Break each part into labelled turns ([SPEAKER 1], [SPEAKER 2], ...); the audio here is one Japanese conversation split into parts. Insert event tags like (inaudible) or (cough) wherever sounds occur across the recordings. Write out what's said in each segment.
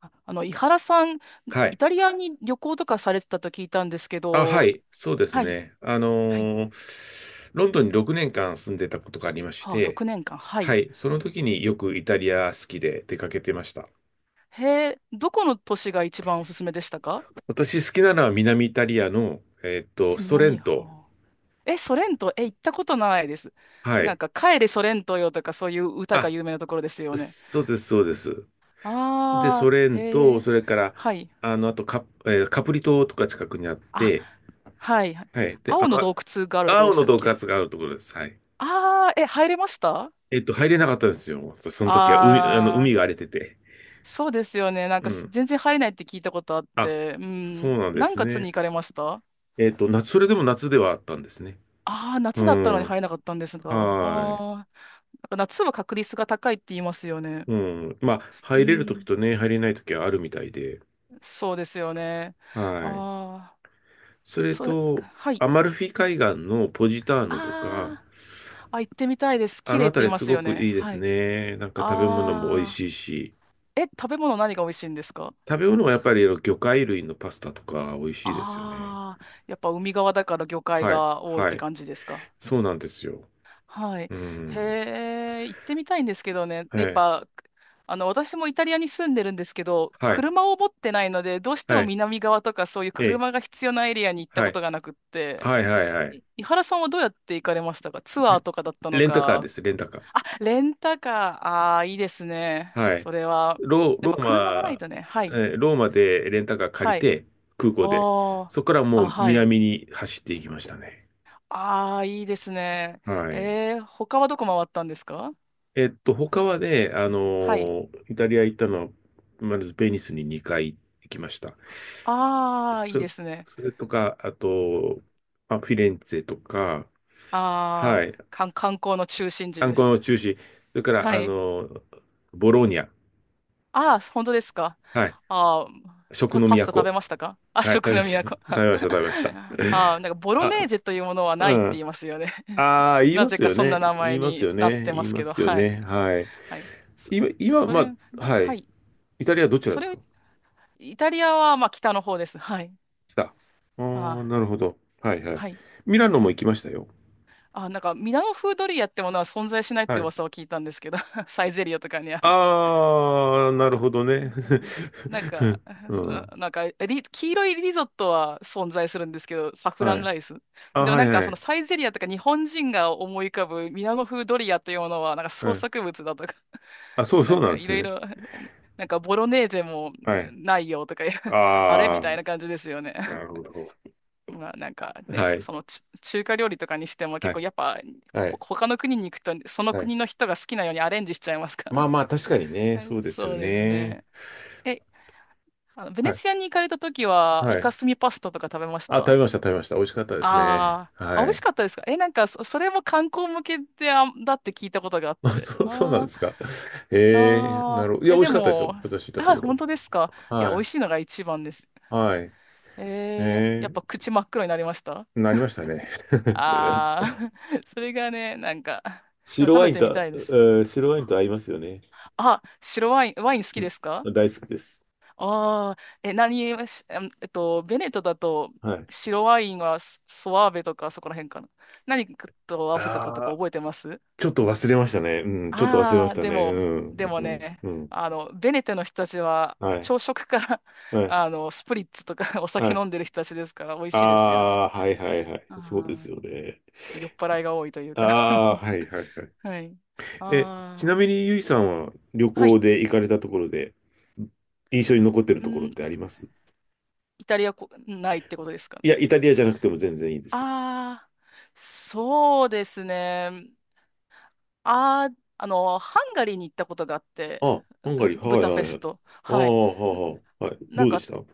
[SPEAKER 1] 井原さん、
[SPEAKER 2] は
[SPEAKER 1] イ
[SPEAKER 2] い。
[SPEAKER 1] タリアに旅行とかされてたと聞いたんですけ
[SPEAKER 2] あ、は
[SPEAKER 1] ど、
[SPEAKER 2] い。そうです
[SPEAKER 1] はい、
[SPEAKER 2] ね。
[SPEAKER 1] はい、
[SPEAKER 2] ロンドンに6年間住んでたことがありまし
[SPEAKER 1] はあ、
[SPEAKER 2] て、
[SPEAKER 1] 6年間、は
[SPEAKER 2] は
[SPEAKER 1] い。
[SPEAKER 2] い。その時によくイタリア好きで出かけてました。
[SPEAKER 1] へえ、どこの都市が一番おすすめでしたか？
[SPEAKER 2] 私好きなのは南イタリアの、
[SPEAKER 1] え、
[SPEAKER 2] ソレン
[SPEAKER 1] 南、
[SPEAKER 2] ト。
[SPEAKER 1] はあ。え、ソレント、え、行ったことないです。
[SPEAKER 2] は
[SPEAKER 1] なん
[SPEAKER 2] い。
[SPEAKER 1] か、帰れソレントよとか、そういう歌が
[SPEAKER 2] あ、
[SPEAKER 1] 有名なところですよね。
[SPEAKER 2] そうです、そうです。で、
[SPEAKER 1] あ
[SPEAKER 2] ソ
[SPEAKER 1] あ、
[SPEAKER 2] レン
[SPEAKER 1] へ
[SPEAKER 2] ト、
[SPEAKER 1] え、
[SPEAKER 2] それから、
[SPEAKER 1] はい。
[SPEAKER 2] あの、あとカ、えーカプリ島とか近くにあっ
[SPEAKER 1] あ、
[SPEAKER 2] て、
[SPEAKER 1] はい。
[SPEAKER 2] はい。で、あ
[SPEAKER 1] 青の
[SPEAKER 2] ま、
[SPEAKER 1] 洞窟があるところで
[SPEAKER 2] 青
[SPEAKER 1] し
[SPEAKER 2] の
[SPEAKER 1] たっ
[SPEAKER 2] 洞
[SPEAKER 1] け？
[SPEAKER 2] 窟があるところです。はい。
[SPEAKER 1] ああー、え、入れました？
[SPEAKER 2] 入れなかったんですよ。その時は海、あの、
[SPEAKER 1] あ
[SPEAKER 2] 海が荒れ
[SPEAKER 1] あ、
[SPEAKER 2] てて。
[SPEAKER 1] そうですよね。なん
[SPEAKER 2] う
[SPEAKER 1] か
[SPEAKER 2] ん。
[SPEAKER 1] 全然入れないって聞いたことあっ
[SPEAKER 2] あ、
[SPEAKER 1] て、う
[SPEAKER 2] そう
[SPEAKER 1] ん。
[SPEAKER 2] なんで
[SPEAKER 1] 何
[SPEAKER 2] す
[SPEAKER 1] 月に
[SPEAKER 2] ね。
[SPEAKER 1] 行かれました？
[SPEAKER 2] えっと、夏、それでも夏ではあったんですね。
[SPEAKER 1] ああー、
[SPEAKER 2] う
[SPEAKER 1] 夏だったの
[SPEAKER 2] ん。
[SPEAKER 1] に
[SPEAKER 2] は
[SPEAKER 1] 入れなかったんですが。あ
[SPEAKER 2] ーい。
[SPEAKER 1] あ、なんか夏は確率が高いって言いますよね。
[SPEAKER 2] うん。まあ、
[SPEAKER 1] う
[SPEAKER 2] 入れるとき
[SPEAKER 1] ん。
[SPEAKER 2] とね、入れないときはあるみたいで。
[SPEAKER 1] そうですよね。
[SPEAKER 2] はい。
[SPEAKER 1] ああ、
[SPEAKER 2] それ
[SPEAKER 1] それ、
[SPEAKER 2] と、
[SPEAKER 1] はい。
[SPEAKER 2] アマルフィ海岸のポジターノとか、
[SPEAKER 1] ああ、あ、行ってみたいです。
[SPEAKER 2] あ
[SPEAKER 1] 綺
[SPEAKER 2] の
[SPEAKER 1] 麗っ
[SPEAKER 2] あ
[SPEAKER 1] て
[SPEAKER 2] た
[SPEAKER 1] 言い
[SPEAKER 2] り
[SPEAKER 1] ま
[SPEAKER 2] す
[SPEAKER 1] す
[SPEAKER 2] ご
[SPEAKER 1] よ
[SPEAKER 2] く
[SPEAKER 1] ね。
[SPEAKER 2] いいで
[SPEAKER 1] は
[SPEAKER 2] す
[SPEAKER 1] い。
[SPEAKER 2] ね。なんか食べ物も美味
[SPEAKER 1] ああ、
[SPEAKER 2] しいし、
[SPEAKER 1] え、食べ物何が美味しいんですか？
[SPEAKER 2] 食べ物はやっぱりあの魚介類のパスタとか美味しいですよね。
[SPEAKER 1] ああー、やっぱ海側だから魚介
[SPEAKER 2] はい。
[SPEAKER 1] が多いっ
[SPEAKER 2] は
[SPEAKER 1] て
[SPEAKER 2] い。
[SPEAKER 1] 感じですか？
[SPEAKER 2] そうなんですよ。
[SPEAKER 1] はい。
[SPEAKER 2] う
[SPEAKER 1] へ
[SPEAKER 2] ん。
[SPEAKER 1] え、行ってみたいんですけどね。
[SPEAKER 2] は
[SPEAKER 1] やっ
[SPEAKER 2] い。
[SPEAKER 1] ぱ、あの、私もイタリアに住んでるんですけど、
[SPEAKER 2] はい。
[SPEAKER 1] 車を持ってないので、どうして
[SPEAKER 2] は
[SPEAKER 1] も
[SPEAKER 2] い。
[SPEAKER 1] 南側とかそういう
[SPEAKER 2] ええ。
[SPEAKER 1] 車が必要なエリアに行った
[SPEAKER 2] は
[SPEAKER 1] こ
[SPEAKER 2] い。
[SPEAKER 1] とがなくって、
[SPEAKER 2] はいはいはい。
[SPEAKER 1] 井原さんはどうやって行かれましたか？ツアー
[SPEAKER 2] レ
[SPEAKER 1] とかだったの
[SPEAKER 2] レンタカーで
[SPEAKER 1] か。
[SPEAKER 2] す、レンタカー。
[SPEAKER 1] あ、レンタカー。ああ、いいですね。
[SPEAKER 2] はい。
[SPEAKER 1] それは。やっ
[SPEAKER 2] ロ
[SPEAKER 1] ぱ
[SPEAKER 2] ー
[SPEAKER 1] 車がない
[SPEAKER 2] マ、
[SPEAKER 1] とね。はい。
[SPEAKER 2] ローマでレンタカー借
[SPEAKER 1] は
[SPEAKER 2] り
[SPEAKER 1] い。
[SPEAKER 2] て、空港で。
[SPEAKER 1] おー。
[SPEAKER 2] そこからも
[SPEAKER 1] あ、
[SPEAKER 2] う
[SPEAKER 1] はい。
[SPEAKER 2] 南に走っていきましたね。
[SPEAKER 1] ああ、いいですね。
[SPEAKER 2] はい。
[SPEAKER 1] 他はどこ回ったんですか？
[SPEAKER 2] えっと、他はね、
[SPEAKER 1] はい。
[SPEAKER 2] イタリア行ったのは、まずベニスに2回行きました。
[SPEAKER 1] ああ、いいで
[SPEAKER 2] そ、
[SPEAKER 1] すね。
[SPEAKER 2] それとか、あと、まあ、フィレンツェとか、
[SPEAKER 1] ああ、
[SPEAKER 2] はい。
[SPEAKER 1] 観光の中心地
[SPEAKER 2] 観
[SPEAKER 1] で
[SPEAKER 2] 光
[SPEAKER 1] す。
[SPEAKER 2] の中心。それから、
[SPEAKER 1] はい。
[SPEAKER 2] ボローニャ。
[SPEAKER 1] ああ、本当ですか。
[SPEAKER 2] はい。
[SPEAKER 1] ああ、
[SPEAKER 2] 食
[SPEAKER 1] パ
[SPEAKER 2] の
[SPEAKER 1] パスタ食
[SPEAKER 2] 都。
[SPEAKER 1] べましたか？ (laughs) あ、
[SPEAKER 2] はい、食
[SPEAKER 1] 食
[SPEAKER 2] べ
[SPEAKER 1] の
[SPEAKER 2] ました。(laughs) 食
[SPEAKER 1] 都。(laughs)
[SPEAKER 2] べました、食べました。
[SPEAKER 1] ああ、なんか
[SPEAKER 2] (laughs)
[SPEAKER 1] ボロネー
[SPEAKER 2] あ、
[SPEAKER 1] ゼというものはな
[SPEAKER 2] う
[SPEAKER 1] いって言
[SPEAKER 2] ん。
[SPEAKER 1] いますよね。(laughs)
[SPEAKER 2] ああ、言い
[SPEAKER 1] な
[SPEAKER 2] ま
[SPEAKER 1] ぜ
[SPEAKER 2] す
[SPEAKER 1] か
[SPEAKER 2] よ
[SPEAKER 1] そん
[SPEAKER 2] ね。
[SPEAKER 1] な名
[SPEAKER 2] 言い
[SPEAKER 1] 前
[SPEAKER 2] ます
[SPEAKER 1] に
[SPEAKER 2] よ
[SPEAKER 1] なっ
[SPEAKER 2] ね。
[SPEAKER 1] て
[SPEAKER 2] 言
[SPEAKER 1] ま
[SPEAKER 2] い
[SPEAKER 1] す
[SPEAKER 2] ま
[SPEAKER 1] けど、
[SPEAKER 2] すよ
[SPEAKER 1] はい。
[SPEAKER 2] ね。はい。
[SPEAKER 1] はい。そ、
[SPEAKER 2] 今、今、
[SPEAKER 1] そ
[SPEAKER 2] ま
[SPEAKER 1] れ、
[SPEAKER 2] あ、は
[SPEAKER 1] は
[SPEAKER 2] い。
[SPEAKER 1] い。
[SPEAKER 2] イタリアどちら
[SPEAKER 1] そ
[SPEAKER 2] ですか？
[SPEAKER 1] れ、イタリアはまあ北の方です。はい。
[SPEAKER 2] 来た。あ
[SPEAKER 1] あ
[SPEAKER 2] あ、
[SPEAKER 1] あ、
[SPEAKER 2] なるほど。はい、はい。
[SPEAKER 1] はい。
[SPEAKER 2] ミラノも行きましたよ。
[SPEAKER 1] ああ、なんかミラノ風ドリアってものは存在しないって
[SPEAKER 2] はい。
[SPEAKER 1] 噂を聞いたんですけど、(laughs) サイゼリアとかには？
[SPEAKER 2] ああ、な
[SPEAKER 1] あ、
[SPEAKER 2] るほど
[SPEAKER 1] な
[SPEAKER 2] ね。
[SPEAKER 1] んか、なんか、
[SPEAKER 2] (laughs)
[SPEAKER 1] (laughs)
[SPEAKER 2] う
[SPEAKER 1] その
[SPEAKER 2] ん。
[SPEAKER 1] なんか黄色いリゾットは存在するんですけど、サフラ
[SPEAKER 2] は
[SPEAKER 1] ン
[SPEAKER 2] い。
[SPEAKER 1] ライス。
[SPEAKER 2] あ、
[SPEAKER 1] でも
[SPEAKER 2] は
[SPEAKER 1] な
[SPEAKER 2] い、
[SPEAKER 1] んか、
[SPEAKER 2] は
[SPEAKER 1] その
[SPEAKER 2] い。
[SPEAKER 1] サイゼリアとか日本人が思い浮かぶミラノ風ドリアというものは、なんか
[SPEAKER 2] は
[SPEAKER 1] 創
[SPEAKER 2] い。
[SPEAKER 1] 作物だとか、
[SPEAKER 2] あ、そ
[SPEAKER 1] (laughs)
[SPEAKER 2] う、
[SPEAKER 1] な
[SPEAKER 2] そう
[SPEAKER 1] ん
[SPEAKER 2] な
[SPEAKER 1] か
[SPEAKER 2] んで
[SPEAKER 1] い
[SPEAKER 2] す
[SPEAKER 1] ろい
[SPEAKER 2] ね。
[SPEAKER 1] ろ、(laughs) なんかボロネーゼも
[SPEAKER 2] はい。
[SPEAKER 1] ないよとか、(laughs) あれみ
[SPEAKER 2] あ
[SPEAKER 1] たいな感じですよね。
[SPEAKER 2] あ、なる
[SPEAKER 1] (laughs)
[SPEAKER 2] ほど。
[SPEAKER 1] まあ、なんかね、
[SPEAKER 2] は
[SPEAKER 1] そ
[SPEAKER 2] い。
[SPEAKER 1] そのち中華料理とかにしても
[SPEAKER 2] は
[SPEAKER 1] 結
[SPEAKER 2] い。
[SPEAKER 1] 構やっぱ、
[SPEAKER 2] はい。
[SPEAKER 1] 他の国に行くと、その
[SPEAKER 2] はい。
[SPEAKER 1] 国の人が好きなようにアレンジしちゃいますから
[SPEAKER 2] まあ
[SPEAKER 1] ね。
[SPEAKER 2] まあ、確かに
[SPEAKER 1] (laughs)
[SPEAKER 2] ね、そうですよ
[SPEAKER 1] そうです
[SPEAKER 2] ね。
[SPEAKER 1] ね。えあの、ベ
[SPEAKER 2] は
[SPEAKER 1] ネ
[SPEAKER 2] い、
[SPEAKER 1] ツィアに行かれた時は、
[SPEAKER 2] は
[SPEAKER 1] イカ
[SPEAKER 2] い。
[SPEAKER 1] スミパスタとか食べまし
[SPEAKER 2] あ、食べ
[SPEAKER 1] た？
[SPEAKER 2] ました、食べました。美味しかったですね。
[SPEAKER 1] あーあ、美
[SPEAKER 2] は
[SPEAKER 1] 味し
[SPEAKER 2] い。
[SPEAKER 1] かったですか？え、なんかそれも観光向けで、あ、だって聞いたことがあっ
[SPEAKER 2] (laughs) あ、
[SPEAKER 1] て。
[SPEAKER 2] そう、そうなんで
[SPEAKER 1] あ
[SPEAKER 2] す
[SPEAKER 1] ー
[SPEAKER 2] か。ええ、
[SPEAKER 1] あ
[SPEAKER 2] な
[SPEAKER 1] ー、
[SPEAKER 2] るほ
[SPEAKER 1] あ
[SPEAKER 2] ど。いや、
[SPEAKER 1] え、
[SPEAKER 2] 美味
[SPEAKER 1] で
[SPEAKER 2] しかったですよ。
[SPEAKER 1] も、
[SPEAKER 2] 私行ったと
[SPEAKER 1] あ、
[SPEAKER 2] ころ。
[SPEAKER 1] 本当ですか？いや、美味
[SPEAKER 2] は
[SPEAKER 1] しいのが一番です。
[SPEAKER 2] い、はい。
[SPEAKER 1] やっ
[SPEAKER 2] え
[SPEAKER 1] ぱ
[SPEAKER 2] え、
[SPEAKER 1] 口真っ黒になりました？
[SPEAKER 2] なりましたね。(laughs)
[SPEAKER 1] ああー、(laughs) それがね、なんか、でも
[SPEAKER 2] 白
[SPEAKER 1] 食
[SPEAKER 2] ワ
[SPEAKER 1] べ
[SPEAKER 2] イン
[SPEAKER 1] てみた
[SPEAKER 2] と、
[SPEAKER 1] いです。
[SPEAKER 2] 白ワインと合いますよね。
[SPEAKER 1] あ、白ワイン、ワイン好
[SPEAKER 2] う
[SPEAKER 1] きで
[SPEAKER 2] ん。
[SPEAKER 1] すか？
[SPEAKER 2] 大好きです。
[SPEAKER 1] ああ、え、何、えしあんえっと、ベネットだと、
[SPEAKER 2] はい。
[SPEAKER 1] 白ワインはスソワーベとかそこら辺かな。何と合わせたかと
[SPEAKER 2] あ
[SPEAKER 1] か
[SPEAKER 2] あ、
[SPEAKER 1] 覚えてます？
[SPEAKER 2] ちょっと
[SPEAKER 1] はい。
[SPEAKER 2] 忘れましたね。うん、ちょっと忘れま
[SPEAKER 1] あ
[SPEAKER 2] し
[SPEAKER 1] あ、
[SPEAKER 2] た
[SPEAKER 1] で
[SPEAKER 2] ね。う
[SPEAKER 1] も、で
[SPEAKER 2] ん、
[SPEAKER 1] も
[SPEAKER 2] うん、
[SPEAKER 1] ね、
[SPEAKER 2] うん。うん。
[SPEAKER 1] あの、ベネテトの人たちは、
[SPEAKER 2] はい、
[SPEAKER 1] 朝食から (laughs)
[SPEAKER 2] はい、
[SPEAKER 1] あの、スプリッツとか (laughs) お
[SPEAKER 2] は
[SPEAKER 1] 酒
[SPEAKER 2] い。
[SPEAKER 1] 飲んでる人たちですから、美味
[SPEAKER 2] あ
[SPEAKER 1] しいですよね。
[SPEAKER 2] あ、はい、はい、はい。そうで
[SPEAKER 1] あ
[SPEAKER 2] すよね。
[SPEAKER 1] あ、酔っ払いが多いという
[SPEAKER 2] あ
[SPEAKER 1] か (laughs)
[SPEAKER 2] あ、はいはいはい。
[SPEAKER 1] はい。
[SPEAKER 2] え、ちな
[SPEAKER 1] ああ、
[SPEAKER 2] みにゆいさんは旅
[SPEAKER 1] は
[SPEAKER 2] 行
[SPEAKER 1] い。
[SPEAKER 2] で行かれたところで、印象に残ってる
[SPEAKER 1] う
[SPEAKER 2] ところっ
[SPEAKER 1] ん、
[SPEAKER 2] てあります？
[SPEAKER 1] イタリアこ、ないってことですか
[SPEAKER 2] い
[SPEAKER 1] ね。
[SPEAKER 2] や、イタリアじゃなくても全然いいです。
[SPEAKER 1] ああ、そうですね。ああ、あの、ハンガリーに行ったことがあって、
[SPEAKER 2] あ、ハンガリー、
[SPEAKER 1] ブ
[SPEAKER 2] はいは
[SPEAKER 1] ダペ
[SPEAKER 2] いは
[SPEAKER 1] ス
[SPEAKER 2] い。
[SPEAKER 1] ト。
[SPEAKER 2] ああ、
[SPEAKER 1] はい。
[SPEAKER 2] はあ、はい。
[SPEAKER 1] なん
[SPEAKER 2] どうで
[SPEAKER 1] か、
[SPEAKER 2] した？うん、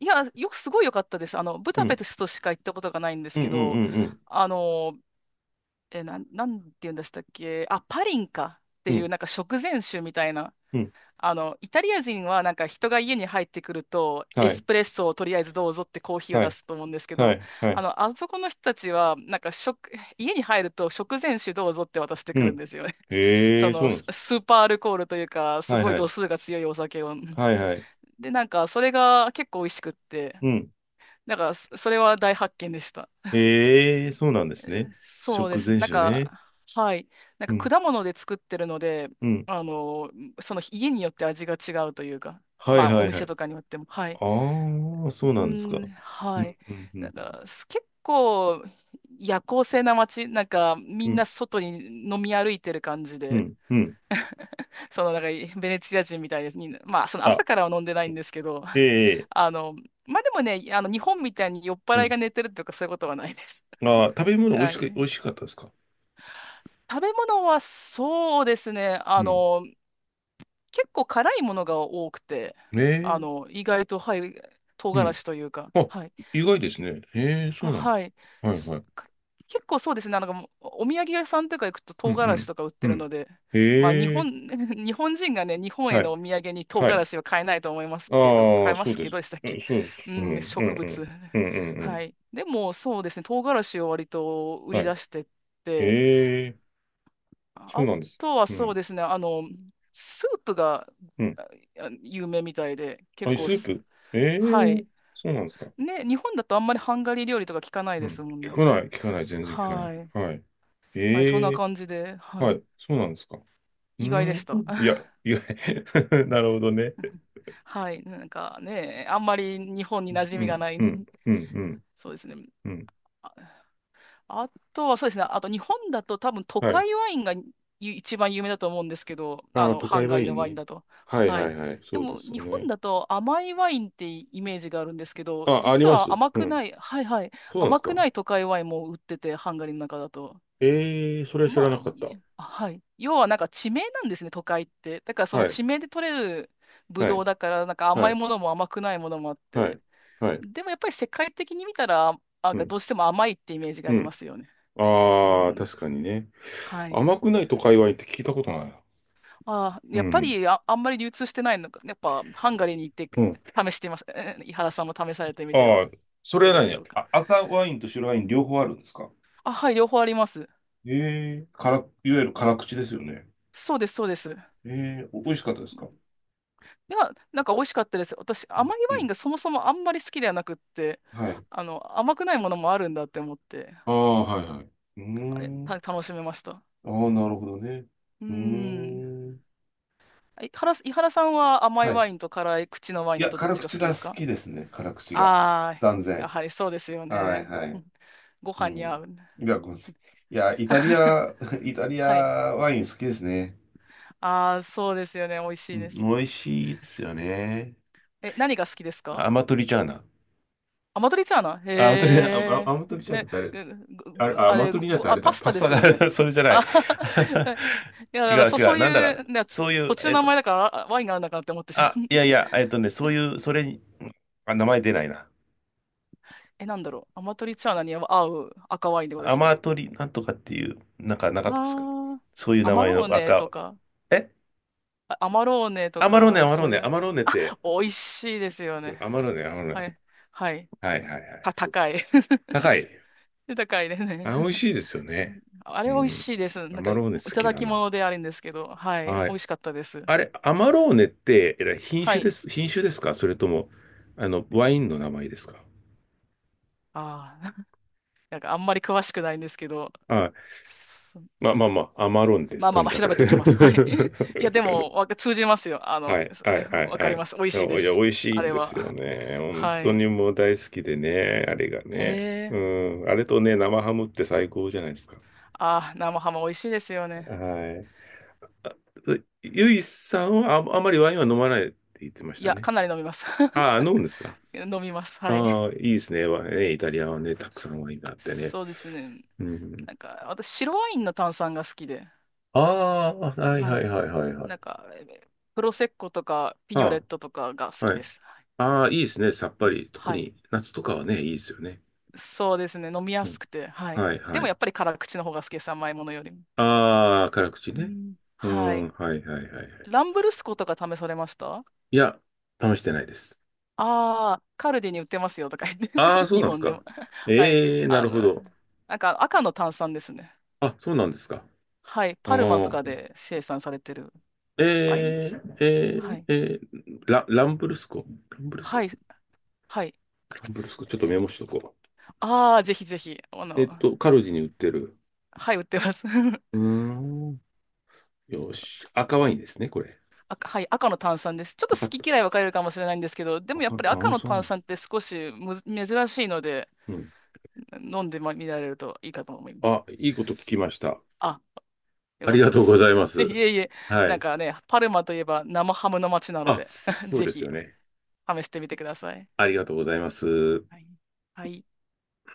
[SPEAKER 1] いや、よくすごい良かったです。あの、ブ
[SPEAKER 2] う
[SPEAKER 1] ダペ
[SPEAKER 2] ん、
[SPEAKER 1] ストしか行ったことがないんです
[SPEAKER 2] うん、う
[SPEAKER 1] けど、
[SPEAKER 2] ん、
[SPEAKER 1] あの、え、なんて言うんでしたっけ？あ、パリンかって
[SPEAKER 2] うん、う
[SPEAKER 1] いう、
[SPEAKER 2] ん、
[SPEAKER 1] なんか食前酒みたいな。
[SPEAKER 2] うん。
[SPEAKER 1] あの、イタリア人はなんか人が家に入ってくると、エ
[SPEAKER 2] は
[SPEAKER 1] ス
[SPEAKER 2] い、
[SPEAKER 1] プレッソをとりあえずどうぞってコーヒーを
[SPEAKER 2] は
[SPEAKER 1] 出
[SPEAKER 2] い、
[SPEAKER 1] すと思うんですけ
[SPEAKER 2] は
[SPEAKER 1] ど、
[SPEAKER 2] い、は
[SPEAKER 1] あ
[SPEAKER 2] い、
[SPEAKER 1] の、あそこの人たちは、なんか家に入ると食前酒どうぞって渡して
[SPEAKER 2] う
[SPEAKER 1] くるん
[SPEAKER 2] ん。
[SPEAKER 1] ですよね。(laughs)
[SPEAKER 2] へ
[SPEAKER 1] そ
[SPEAKER 2] え、そう
[SPEAKER 1] の、
[SPEAKER 2] なん
[SPEAKER 1] ス
[SPEAKER 2] です。
[SPEAKER 1] スーパーアルコールというか、す
[SPEAKER 2] はい
[SPEAKER 1] ごい
[SPEAKER 2] は
[SPEAKER 1] 度
[SPEAKER 2] い、
[SPEAKER 1] 数が強いお酒を。
[SPEAKER 2] はいはい、
[SPEAKER 1] で、なんかそれが結構美味しくって、
[SPEAKER 2] うん。
[SPEAKER 1] だからそれは大発見でした。
[SPEAKER 2] ええ、そうなんですね。
[SPEAKER 1] そう
[SPEAKER 2] 食
[SPEAKER 1] ですね。
[SPEAKER 2] 前
[SPEAKER 1] なん
[SPEAKER 2] 酒ね。
[SPEAKER 1] か、はい。なん
[SPEAKER 2] う
[SPEAKER 1] か
[SPEAKER 2] ん、
[SPEAKER 1] 果物で作ってるので、
[SPEAKER 2] うん。
[SPEAKER 1] あの、その家によって味が違うというか、
[SPEAKER 2] はい
[SPEAKER 1] まあ
[SPEAKER 2] は
[SPEAKER 1] お
[SPEAKER 2] いは
[SPEAKER 1] 店
[SPEAKER 2] い。
[SPEAKER 1] とかによっても、はい。
[SPEAKER 2] ああ、そう
[SPEAKER 1] う
[SPEAKER 2] なんですか。
[SPEAKER 1] ん、
[SPEAKER 2] う
[SPEAKER 1] はい。
[SPEAKER 2] ん、うん、う
[SPEAKER 1] なん
[SPEAKER 2] ん、
[SPEAKER 1] か、結構夜行性な街、なんかみ
[SPEAKER 2] う
[SPEAKER 1] んな
[SPEAKER 2] ん、
[SPEAKER 1] 外に飲み歩いてる感じ
[SPEAKER 2] う
[SPEAKER 1] で、
[SPEAKER 2] ん、うん。
[SPEAKER 1] そのなんかベネチア人みたいですに、まあその
[SPEAKER 2] あ、
[SPEAKER 1] 朝からは飲んでないんですけど、
[SPEAKER 2] ええ、
[SPEAKER 1] あの、まあでもね、あの日本みたいに酔っ
[SPEAKER 2] う
[SPEAKER 1] 払い
[SPEAKER 2] ん。
[SPEAKER 1] が寝てるとかそういうことはないです。
[SPEAKER 2] ああ、食べ物美
[SPEAKER 1] は
[SPEAKER 2] 味しく、美
[SPEAKER 1] い。
[SPEAKER 2] 味しかったですか？
[SPEAKER 1] 食べ物はそうですね。
[SPEAKER 2] う
[SPEAKER 1] あ
[SPEAKER 2] ん。
[SPEAKER 1] の、結構辛いものが多くて、
[SPEAKER 2] え
[SPEAKER 1] あ
[SPEAKER 2] え、
[SPEAKER 1] の、意外と、はい、唐
[SPEAKER 2] う
[SPEAKER 1] 辛
[SPEAKER 2] ん。
[SPEAKER 1] 子というか、
[SPEAKER 2] あ、
[SPEAKER 1] はい。
[SPEAKER 2] 意外ですね。ええ、そ
[SPEAKER 1] あ、
[SPEAKER 2] うなんで
[SPEAKER 1] は
[SPEAKER 2] す。
[SPEAKER 1] い。
[SPEAKER 2] はい
[SPEAKER 1] す
[SPEAKER 2] はい。
[SPEAKER 1] か？結構そうですね。なんかもう、お土産屋さんとか行くと
[SPEAKER 2] う
[SPEAKER 1] 唐辛子
[SPEAKER 2] ん、
[SPEAKER 1] とか売っ
[SPEAKER 2] う
[SPEAKER 1] て
[SPEAKER 2] ん、う
[SPEAKER 1] る
[SPEAKER 2] ん。
[SPEAKER 1] ので、まあ、日
[SPEAKER 2] え
[SPEAKER 1] 本、
[SPEAKER 2] え、
[SPEAKER 1] (laughs) 日本人がね、日本へ
[SPEAKER 2] は
[SPEAKER 1] の
[SPEAKER 2] い、
[SPEAKER 1] お土産に唐
[SPEAKER 2] は
[SPEAKER 1] 辛
[SPEAKER 2] い。
[SPEAKER 1] 子は買えないと思いますけど、
[SPEAKER 2] あ
[SPEAKER 1] 買
[SPEAKER 2] あ、
[SPEAKER 1] えま
[SPEAKER 2] そう
[SPEAKER 1] す
[SPEAKER 2] で
[SPEAKER 1] け
[SPEAKER 2] す。
[SPEAKER 1] どでしたっ
[SPEAKER 2] うん、
[SPEAKER 1] け？
[SPEAKER 2] そうです。
[SPEAKER 1] う
[SPEAKER 2] う
[SPEAKER 1] ん、
[SPEAKER 2] ん、う
[SPEAKER 1] 植
[SPEAKER 2] ん、う
[SPEAKER 1] 物。
[SPEAKER 2] ん、うん、うん。う
[SPEAKER 1] は
[SPEAKER 2] ん。
[SPEAKER 1] い。でも、そうですね。唐辛子を割と売り
[SPEAKER 2] はい。
[SPEAKER 1] 出してて、
[SPEAKER 2] ええ、そう
[SPEAKER 1] あ
[SPEAKER 2] なんです。
[SPEAKER 1] とは
[SPEAKER 2] う
[SPEAKER 1] そう
[SPEAKER 2] ん、
[SPEAKER 1] ですね、あの、スープが
[SPEAKER 2] うん。
[SPEAKER 1] あ有名みたいで、
[SPEAKER 2] あ、
[SPEAKER 1] 結構
[SPEAKER 2] スー
[SPEAKER 1] す、
[SPEAKER 2] プ。え
[SPEAKER 1] は
[SPEAKER 2] え、
[SPEAKER 1] い。
[SPEAKER 2] そうなんですか。
[SPEAKER 1] ね、日本だとあんまりハンガリー料理とか聞かない
[SPEAKER 2] う
[SPEAKER 1] です
[SPEAKER 2] ん。
[SPEAKER 1] もん
[SPEAKER 2] 聞か
[SPEAKER 1] ね。
[SPEAKER 2] ない、聞かない、全然聞かない。
[SPEAKER 1] はい。
[SPEAKER 2] はい。
[SPEAKER 1] はい、そん
[SPEAKER 2] え
[SPEAKER 1] な
[SPEAKER 2] え。
[SPEAKER 1] 感じで、は
[SPEAKER 2] は
[SPEAKER 1] い。
[SPEAKER 2] い、そうなんですか。うー
[SPEAKER 1] 意外でし
[SPEAKER 2] ん、
[SPEAKER 1] た。
[SPEAKER 2] いや、いや、(laughs) なるほどね。
[SPEAKER 1] (laughs) はい。なんかね、あんまり日本に馴染
[SPEAKER 2] う
[SPEAKER 1] みが
[SPEAKER 2] ん、
[SPEAKER 1] ない。
[SPEAKER 2] うん、
[SPEAKER 1] (laughs)
[SPEAKER 2] うん、うん、
[SPEAKER 1] そうですね。
[SPEAKER 2] うん。
[SPEAKER 1] あとはそうですね。あと日本だと多分都
[SPEAKER 2] はい。
[SPEAKER 1] 会ワインが一番有名だと思うんですけど、あ
[SPEAKER 2] ああ、
[SPEAKER 1] の、
[SPEAKER 2] 都
[SPEAKER 1] ハ
[SPEAKER 2] 会
[SPEAKER 1] ンガ
[SPEAKER 2] は
[SPEAKER 1] リ
[SPEAKER 2] い
[SPEAKER 1] ー
[SPEAKER 2] い
[SPEAKER 1] のワイン
[SPEAKER 2] ね。
[SPEAKER 1] だと。
[SPEAKER 2] はい、
[SPEAKER 1] は
[SPEAKER 2] は
[SPEAKER 1] い。
[SPEAKER 2] い、はい、
[SPEAKER 1] で
[SPEAKER 2] そうで
[SPEAKER 1] も
[SPEAKER 2] す
[SPEAKER 1] 日
[SPEAKER 2] よ
[SPEAKER 1] 本
[SPEAKER 2] ね。
[SPEAKER 1] だと甘いワインってイメージがあるんですけど、
[SPEAKER 2] あ、あり
[SPEAKER 1] 実
[SPEAKER 2] ます。
[SPEAKER 1] は甘
[SPEAKER 2] う
[SPEAKER 1] く
[SPEAKER 2] ん。
[SPEAKER 1] ない、はい、はい、
[SPEAKER 2] そうなんで
[SPEAKER 1] 甘
[SPEAKER 2] す
[SPEAKER 1] く
[SPEAKER 2] か。
[SPEAKER 1] ない都会ワインも売ってて、ハンガリーの中だと。
[SPEAKER 2] ええ、それは知
[SPEAKER 1] ま
[SPEAKER 2] ら
[SPEAKER 1] あ、
[SPEAKER 2] な
[SPEAKER 1] い
[SPEAKER 2] かっ
[SPEAKER 1] い、
[SPEAKER 2] た。
[SPEAKER 1] あ、はい。要はなんか地名なんですね、都会って。だからその
[SPEAKER 2] はい、
[SPEAKER 1] 地名で取れるブ
[SPEAKER 2] は
[SPEAKER 1] ドウ
[SPEAKER 2] い、
[SPEAKER 1] だから、なんか
[SPEAKER 2] は
[SPEAKER 1] 甘い
[SPEAKER 2] い、
[SPEAKER 1] ものも甘くないものもあっ
[SPEAKER 2] は
[SPEAKER 1] て。
[SPEAKER 2] い、はい、
[SPEAKER 1] でもやっぱり世界的に見たら、なん
[SPEAKER 2] う
[SPEAKER 1] か
[SPEAKER 2] ん、
[SPEAKER 1] どうしても甘いってイメージがあ
[SPEAKER 2] う
[SPEAKER 1] りま
[SPEAKER 2] ん。
[SPEAKER 1] すよね。う
[SPEAKER 2] ああ、
[SPEAKER 1] ん、
[SPEAKER 2] 確かにね。
[SPEAKER 1] はい。
[SPEAKER 2] 甘くない都会はいいって聞いたことないな。
[SPEAKER 1] あー、
[SPEAKER 2] う
[SPEAKER 1] やっぱ
[SPEAKER 2] ん、
[SPEAKER 1] り、あ、あんまり流通してないのか。やっぱ、ハンガリーに行って
[SPEAKER 2] うん。
[SPEAKER 1] 試してみます。井原さんも試されてみて
[SPEAKER 2] あ
[SPEAKER 1] は、
[SPEAKER 2] あ、そ
[SPEAKER 1] いか
[SPEAKER 2] れ
[SPEAKER 1] が
[SPEAKER 2] は
[SPEAKER 1] でしょ
[SPEAKER 2] 何？
[SPEAKER 1] うか。
[SPEAKER 2] あ、赤ワインと白ワイン両方あるんですか？
[SPEAKER 1] あ、はい、両方あります。
[SPEAKER 2] ええ、から、いわゆる辛口ですよね。
[SPEAKER 1] そうです、そうです。
[SPEAKER 2] ええ、お美味しかったですか？
[SPEAKER 1] いや、なんか美味しかったです。私、甘い
[SPEAKER 2] う
[SPEAKER 1] ワイン
[SPEAKER 2] ん。
[SPEAKER 1] がそもそもあんまり好きではなくって、
[SPEAKER 2] はい。
[SPEAKER 1] あの、甘くないものもあるんだって思って、
[SPEAKER 2] ああ、はいはい。うー
[SPEAKER 1] あれた、
[SPEAKER 2] ん。
[SPEAKER 1] 楽しめました。
[SPEAKER 2] ああ、なるほどね。
[SPEAKER 1] うー
[SPEAKER 2] う
[SPEAKER 1] ん。
[SPEAKER 2] ーん。
[SPEAKER 1] 井原さんは甘い
[SPEAKER 2] はい。
[SPEAKER 1] ワインと辛い口のワイ
[SPEAKER 2] い
[SPEAKER 1] ンだ
[SPEAKER 2] や、
[SPEAKER 1] とどっ
[SPEAKER 2] 辛
[SPEAKER 1] ちが
[SPEAKER 2] 口
[SPEAKER 1] 好きで
[SPEAKER 2] が
[SPEAKER 1] す
[SPEAKER 2] 好
[SPEAKER 1] か？
[SPEAKER 2] きですね。辛口が。
[SPEAKER 1] ああ
[SPEAKER 2] 断
[SPEAKER 1] ー、や
[SPEAKER 2] 然。
[SPEAKER 1] はりそうですよ
[SPEAKER 2] はい
[SPEAKER 1] ね。
[SPEAKER 2] は
[SPEAKER 1] う
[SPEAKER 2] い。
[SPEAKER 1] ん、ご
[SPEAKER 2] う
[SPEAKER 1] 飯に合
[SPEAKER 2] ん。
[SPEAKER 1] う。
[SPEAKER 2] いや、ごめん、いや、イタリア、
[SPEAKER 1] (laughs)
[SPEAKER 2] (laughs) イタリア
[SPEAKER 1] はい。
[SPEAKER 2] ワイン好きですね。
[SPEAKER 1] ああ、そうですよね。美味し
[SPEAKER 2] う
[SPEAKER 1] いで
[SPEAKER 2] ん、美
[SPEAKER 1] す。
[SPEAKER 2] 味しいですよね。
[SPEAKER 1] え、何が好きですか？
[SPEAKER 2] アマトリチャーナ。
[SPEAKER 1] アマトリチャーナ？へ
[SPEAKER 2] アマトリじゃ
[SPEAKER 1] え。
[SPEAKER 2] なくてあれ、
[SPEAKER 1] え、ご、
[SPEAKER 2] あれ、
[SPEAKER 1] ご
[SPEAKER 2] あ、ア
[SPEAKER 1] あ
[SPEAKER 2] マ
[SPEAKER 1] れ、
[SPEAKER 2] トリ
[SPEAKER 1] ご、
[SPEAKER 2] だと
[SPEAKER 1] ご
[SPEAKER 2] あ
[SPEAKER 1] あ、
[SPEAKER 2] れ
[SPEAKER 1] パ
[SPEAKER 2] だ、
[SPEAKER 1] ス
[SPEAKER 2] パ
[SPEAKER 1] タ
[SPEAKER 2] ス
[SPEAKER 1] で
[SPEAKER 2] タ
[SPEAKER 1] すよね。
[SPEAKER 2] だ、(laughs) それじゃ
[SPEAKER 1] (laughs)
[SPEAKER 2] ない。
[SPEAKER 1] あはは、いや、
[SPEAKER 2] (laughs)
[SPEAKER 1] だ
[SPEAKER 2] 違
[SPEAKER 1] から
[SPEAKER 2] う違
[SPEAKER 1] そ
[SPEAKER 2] う、
[SPEAKER 1] う
[SPEAKER 2] なんだ
[SPEAKER 1] い
[SPEAKER 2] か、
[SPEAKER 1] う、ね、
[SPEAKER 2] そうい
[SPEAKER 1] 土
[SPEAKER 2] う、
[SPEAKER 1] 地の
[SPEAKER 2] えっ
[SPEAKER 1] 名
[SPEAKER 2] と、
[SPEAKER 1] 前だからワインがあるのかなって思ってしまう。
[SPEAKER 2] あ、いやいや、えっとね、そう
[SPEAKER 1] (laughs)
[SPEAKER 2] いう、それに、あ、名前出ないな。
[SPEAKER 1] え、なんだろう。アマトリチャーナに合う赤ワインってことで
[SPEAKER 2] ア
[SPEAKER 1] すか？
[SPEAKER 2] マトリなんとかっていう、なんかなかったですか？
[SPEAKER 1] ああ、
[SPEAKER 2] そういう
[SPEAKER 1] ア
[SPEAKER 2] 名
[SPEAKER 1] マ
[SPEAKER 2] 前
[SPEAKER 1] ロー
[SPEAKER 2] の
[SPEAKER 1] ネと
[SPEAKER 2] 赤、
[SPEAKER 1] か、
[SPEAKER 2] え、
[SPEAKER 1] アマローネと
[SPEAKER 2] アマローネ、ア
[SPEAKER 1] か、
[SPEAKER 2] マロー
[SPEAKER 1] そうい
[SPEAKER 2] ネ、ア
[SPEAKER 1] う、
[SPEAKER 2] マローネって、
[SPEAKER 1] 美味しいですよ
[SPEAKER 2] うん、
[SPEAKER 1] ね。
[SPEAKER 2] アマローネ、アマローネ。
[SPEAKER 1] はい。はい。
[SPEAKER 2] はいはいはい。
[SPEAKER 1] た、
[SPEAKER 2] そう、
[SPEAKER 1] 高い。(laughs)
[SPEAKER 2] 高い。
[SPEAKER 1] 高いですね。
[SPEAKER 2] あ、美味しいですよね。
[SPEAKER 1] あ
[SPEAKER 2] う
[SPEAKER 1] れ美味
[SPEAKER 2] ん。
[SPEAKER 1] しいです。
[SPEAKER 2] ア
[SPEAKER 1] なんか、
[SPEAKER 2] マ
[SPEAKER 1] い
[SPEAKER 2] ローネ好
[SPEAKER 1] た
[SPEAKER 2] き
[SPEAKER 1] だ
[SPEAKER 2] だ
[SPEAKER 1] き
[SPEAKER 2] な。
[SPEAKER 1] 物であるんですけど、はい、
[SPEAKER 2] は
[SPEAKER 1] 美
[SPEAKER 2] い。
[SPEAKER 1] 味しかったです。
[SPEAKER 2] あれ、アマローネって、品
[SPEAKER 1] は
[SPEAKER 2] 種で
[SPEAKER 1] い。
[SPEAKER 2] す、品種ですか？それとも、あの、ワインの名前ですか？
[SPEAKER 1] ああ、(laughs) なんかあんまり詳しくないんですけど、
[SPEAKER 2] はい。
[SPEAKER 1] そ
[SPEAKER 2] まあまあまあ、アマローネで
[SPEAKER 1] ま
[SPEAKER 2] す、
[SPEAKER 1] あ
[SPEAKER 2] と
[SPEAKER 1] まあ
[SPEAKER 2] に
[SPEAKER 1] まあ
[SPEAKER 2] か
[SPEAKER 1] 調
[SPEAKER 2] く。
[SPEAKER 1] べときます。はい。(laughs) いや、で
[SPEAKER 2] (laughs)
[SPEAKER 1] も、通じますよ。あの、
[SPEAKER 2] はい、
[SPEAKER 1] そ、
[SPEAKER 2] はい、は
[SPEAKER 1] (laughs)
[SPEAKER 2] い、
[SPEAKER 1] わか
[SPEAKER 2] は
[SPEAKER 1] ります。美味しいで
[SPEAKER 2] い。いや、
[SPEAKER 1] す。
[SPEAKER 2] 美味しい
[SPEAKER 1] あ
[SPEAKER 2] ん
[SPEAKER 1] れ
[SPEAKER 2] ですよ
[SPEAKER 1] は。
[SPEAKER 2] ね。
[SPEAKER 1] (laughs)
[SPEAKER 2] 本
[SPEAKER 1] は
[SPEAKER 2] 当
[SPEAKER 1] い。
[SPEAKER 2] にもう大好きでね、あれが
[SPEAKER 1] へ
[SPEAKER 2] ね。う
[SPEAKER 1] え。
[SPEAKER 2] ん、あれとね、生ハムって最高じゃないですか。
[SPEAKER 1] ああ、生ハム美味しいですよね。
[SPEAKER 2] はい。あ、ゆいさんは、あ、あまりワインは飲まないって言ってまし
[SPEAKER 1] い
[SPEAKER 2] た
[SPEAKER 1] や、
[SPEAKER 2] ね。
[SPEAKER 1] かなり飲みます。
[SPEAKER 2] ああ、飲むんですか？
[SPEAKER 1] (laughs) 飲みます。はい。
[SPEAKER 2] ああ、いいですね。わイねイタリアはね、たくさんワインがあってね。
[SPEAKER 1] そうですね。
[SPEAKER 2] うん。
[SPEAKER 1] なんか、私、白ワインの炭酸が好きで。
[SPEAKER 2] ああー、はい
[SPEAKER 1] は
[SPEAKER 2] はい
[SPEAKER 1] い。
[SPEAKER 2] はいはいはい。
[SPEAKER 1] なんか、プロセッコとかピニョレ
[SPEAKER 2] あ
[SPEAKER 1] ットとかが好
[SPEAKER 2] あ、
[SPEAKER 1] き
[SPEAKER 2] は
[SPEAKER 1] で
[SPEAKER 2] い。
[SPEAKER 1] す。はい。
[SPEAKER 2] ああ、いいですね、さっぱり。特
[SPEAKER 1] はい。
[SPEAKER 2] に夏とかはね、いいですよね。
[SPEAKER 1] そうですね。飲みや
[SPEAKER 2] うん。
[SPEAKER 1] すくて。はい。
[SPEAKER 2] はい
[SPEAKER 1] で
[SPEAKER 2] は
[SPEAKER 1] も
[SPEAKER 2] い。
[SPEAKER 1] やっぱり辛口の方が好きです。甘いものよりも。
[SPEAKER 2] ああ、辛口
[SPEAKER 1] う
[SPEAKER 2] ね。
[SPEAKER 1] ん、
[SPEAKER 2] う
[SPEAKER 1] はい。
[SPEAKER 2] ん、はいはいはいはい。
[SPEAKER 1] ランブルスコとか試されました？あ
[SPEAKER 2] いや、試してないです。
[SPEAKER 1] あー、カルディに売ってますよとか言って。
[SPEAKER 2] ああ、
[SPEAKER 1] (laughs)
[SPEAKER 2] そう
[SPEAKER 1] 日
[SPEAKER 2] なんです
[SPEAKER 1] 本で
[SPEAKER 2] か。
[SPEAKER 1] も。はい。
[SPEAKER 2] ええ、な
[SPEAKER 1] あ
[SPEAKER 2] るほ
[SPEAKER 1] の、
[SPEAKER 2] ど。
[SPEAKER 1] なんか赤の炭酸ですね。
[SPEAKER 2] あ、そうなんですか。
[SPEAKER 1] はい。
[SPEAKER 2] あ
[SPEAKER 1] パルマとか
[SPEAKER 2] ー、
[SPEAKER 1] で生産されてるワインで
[SPEAKER 2] え
[SPEAKER 1] す。
[SPEAKER 2] ー、え
[SPEAKER 1] は
[SPEAKER 2] ー、
[SPEAKER 1] い。
[SPEAKER 2] えー、ランブルスコ。ランブルス
[SPEAKER 1] は
[SPEAKER 2] コ。
[SPEAKER 1] い。はい。
[SPEAKER 2] ランブルスコ。ちょっとメ
[SPEAKER 1] ー
[SPEAKER 2] モしとこ
[SPEAKER 1] ああー、ぜひぜひ。あ
[SPEAKER 2] う。えっ
[SPEAKER 1] の、
[SPEAKER 2] と、カルディに売ってる。
[SPEAKER 1] はい、売ってます。(laughs)
[SPEAKER 2] うーん。よし。赤ワインですね、これ。
[SPEAKER 1] 赤、はい、赤の炭酸です。ちょっと
[SPEAKER 2] 分かっ
[SPEAKER 1] 好き嫌
[SPEAKER 2] た。
[SPEAKER 1] い分かれるかもしれないんですけど、で
[SPEAKER 2] わ
[SPEAKER 1] もやっ
[SPEAKER 2] かん
[SPEAKER 1] ぱり赤
[SPEAKER 2] 炭
[SPEAKER 1] の炭
[SPEAKER 2] 酸。
[SPEAKER 1] 酸って少しむず珍しいので、
[SPEAKER 2] うん。
[SPEAKER 1] 飲んでみられるといいかと思います。
[SPEAKER 2] あ、いいこと聞きました。
[SPEAKER 1] あ、よ
[SPEAKER 2] あ
[SPEAKER 1] か
[SPEAKER 2] り
[SPEAKER 1] っ
[SPEAKER 2] が
[SPEAKER 1] た
[SPEAKER 2] と
[SPEAKER 1] で
[SPEAKER 2] うご
[SPEAKER 1] す。
[SPEAKER 2] ざいま
[SPEAKER 1] (laughs) い
[SPEAKER 2] す。
[SPEAKER 1] えいえ、
[SPEAKER 2] は
[SPEAKER 1] なん
[SPEAKER 2] い。
[SPEAKER 1] かね、パルマといえば生ハムの街なの
[SPEAKER 2] あ、
[SPEAKER 1] で (laughs)
[SPEAKER 2] そう
[SPEAKER 1] ぜ
[SPEAKER 2] ですよ
[SPEAKER 1] ひ
[SPEAKER 2] ね。
[SPEAKER 1] 試してみてください。
[SPEAKER 2] ありがとうございます。
[SPEAKER 1] はい。はい。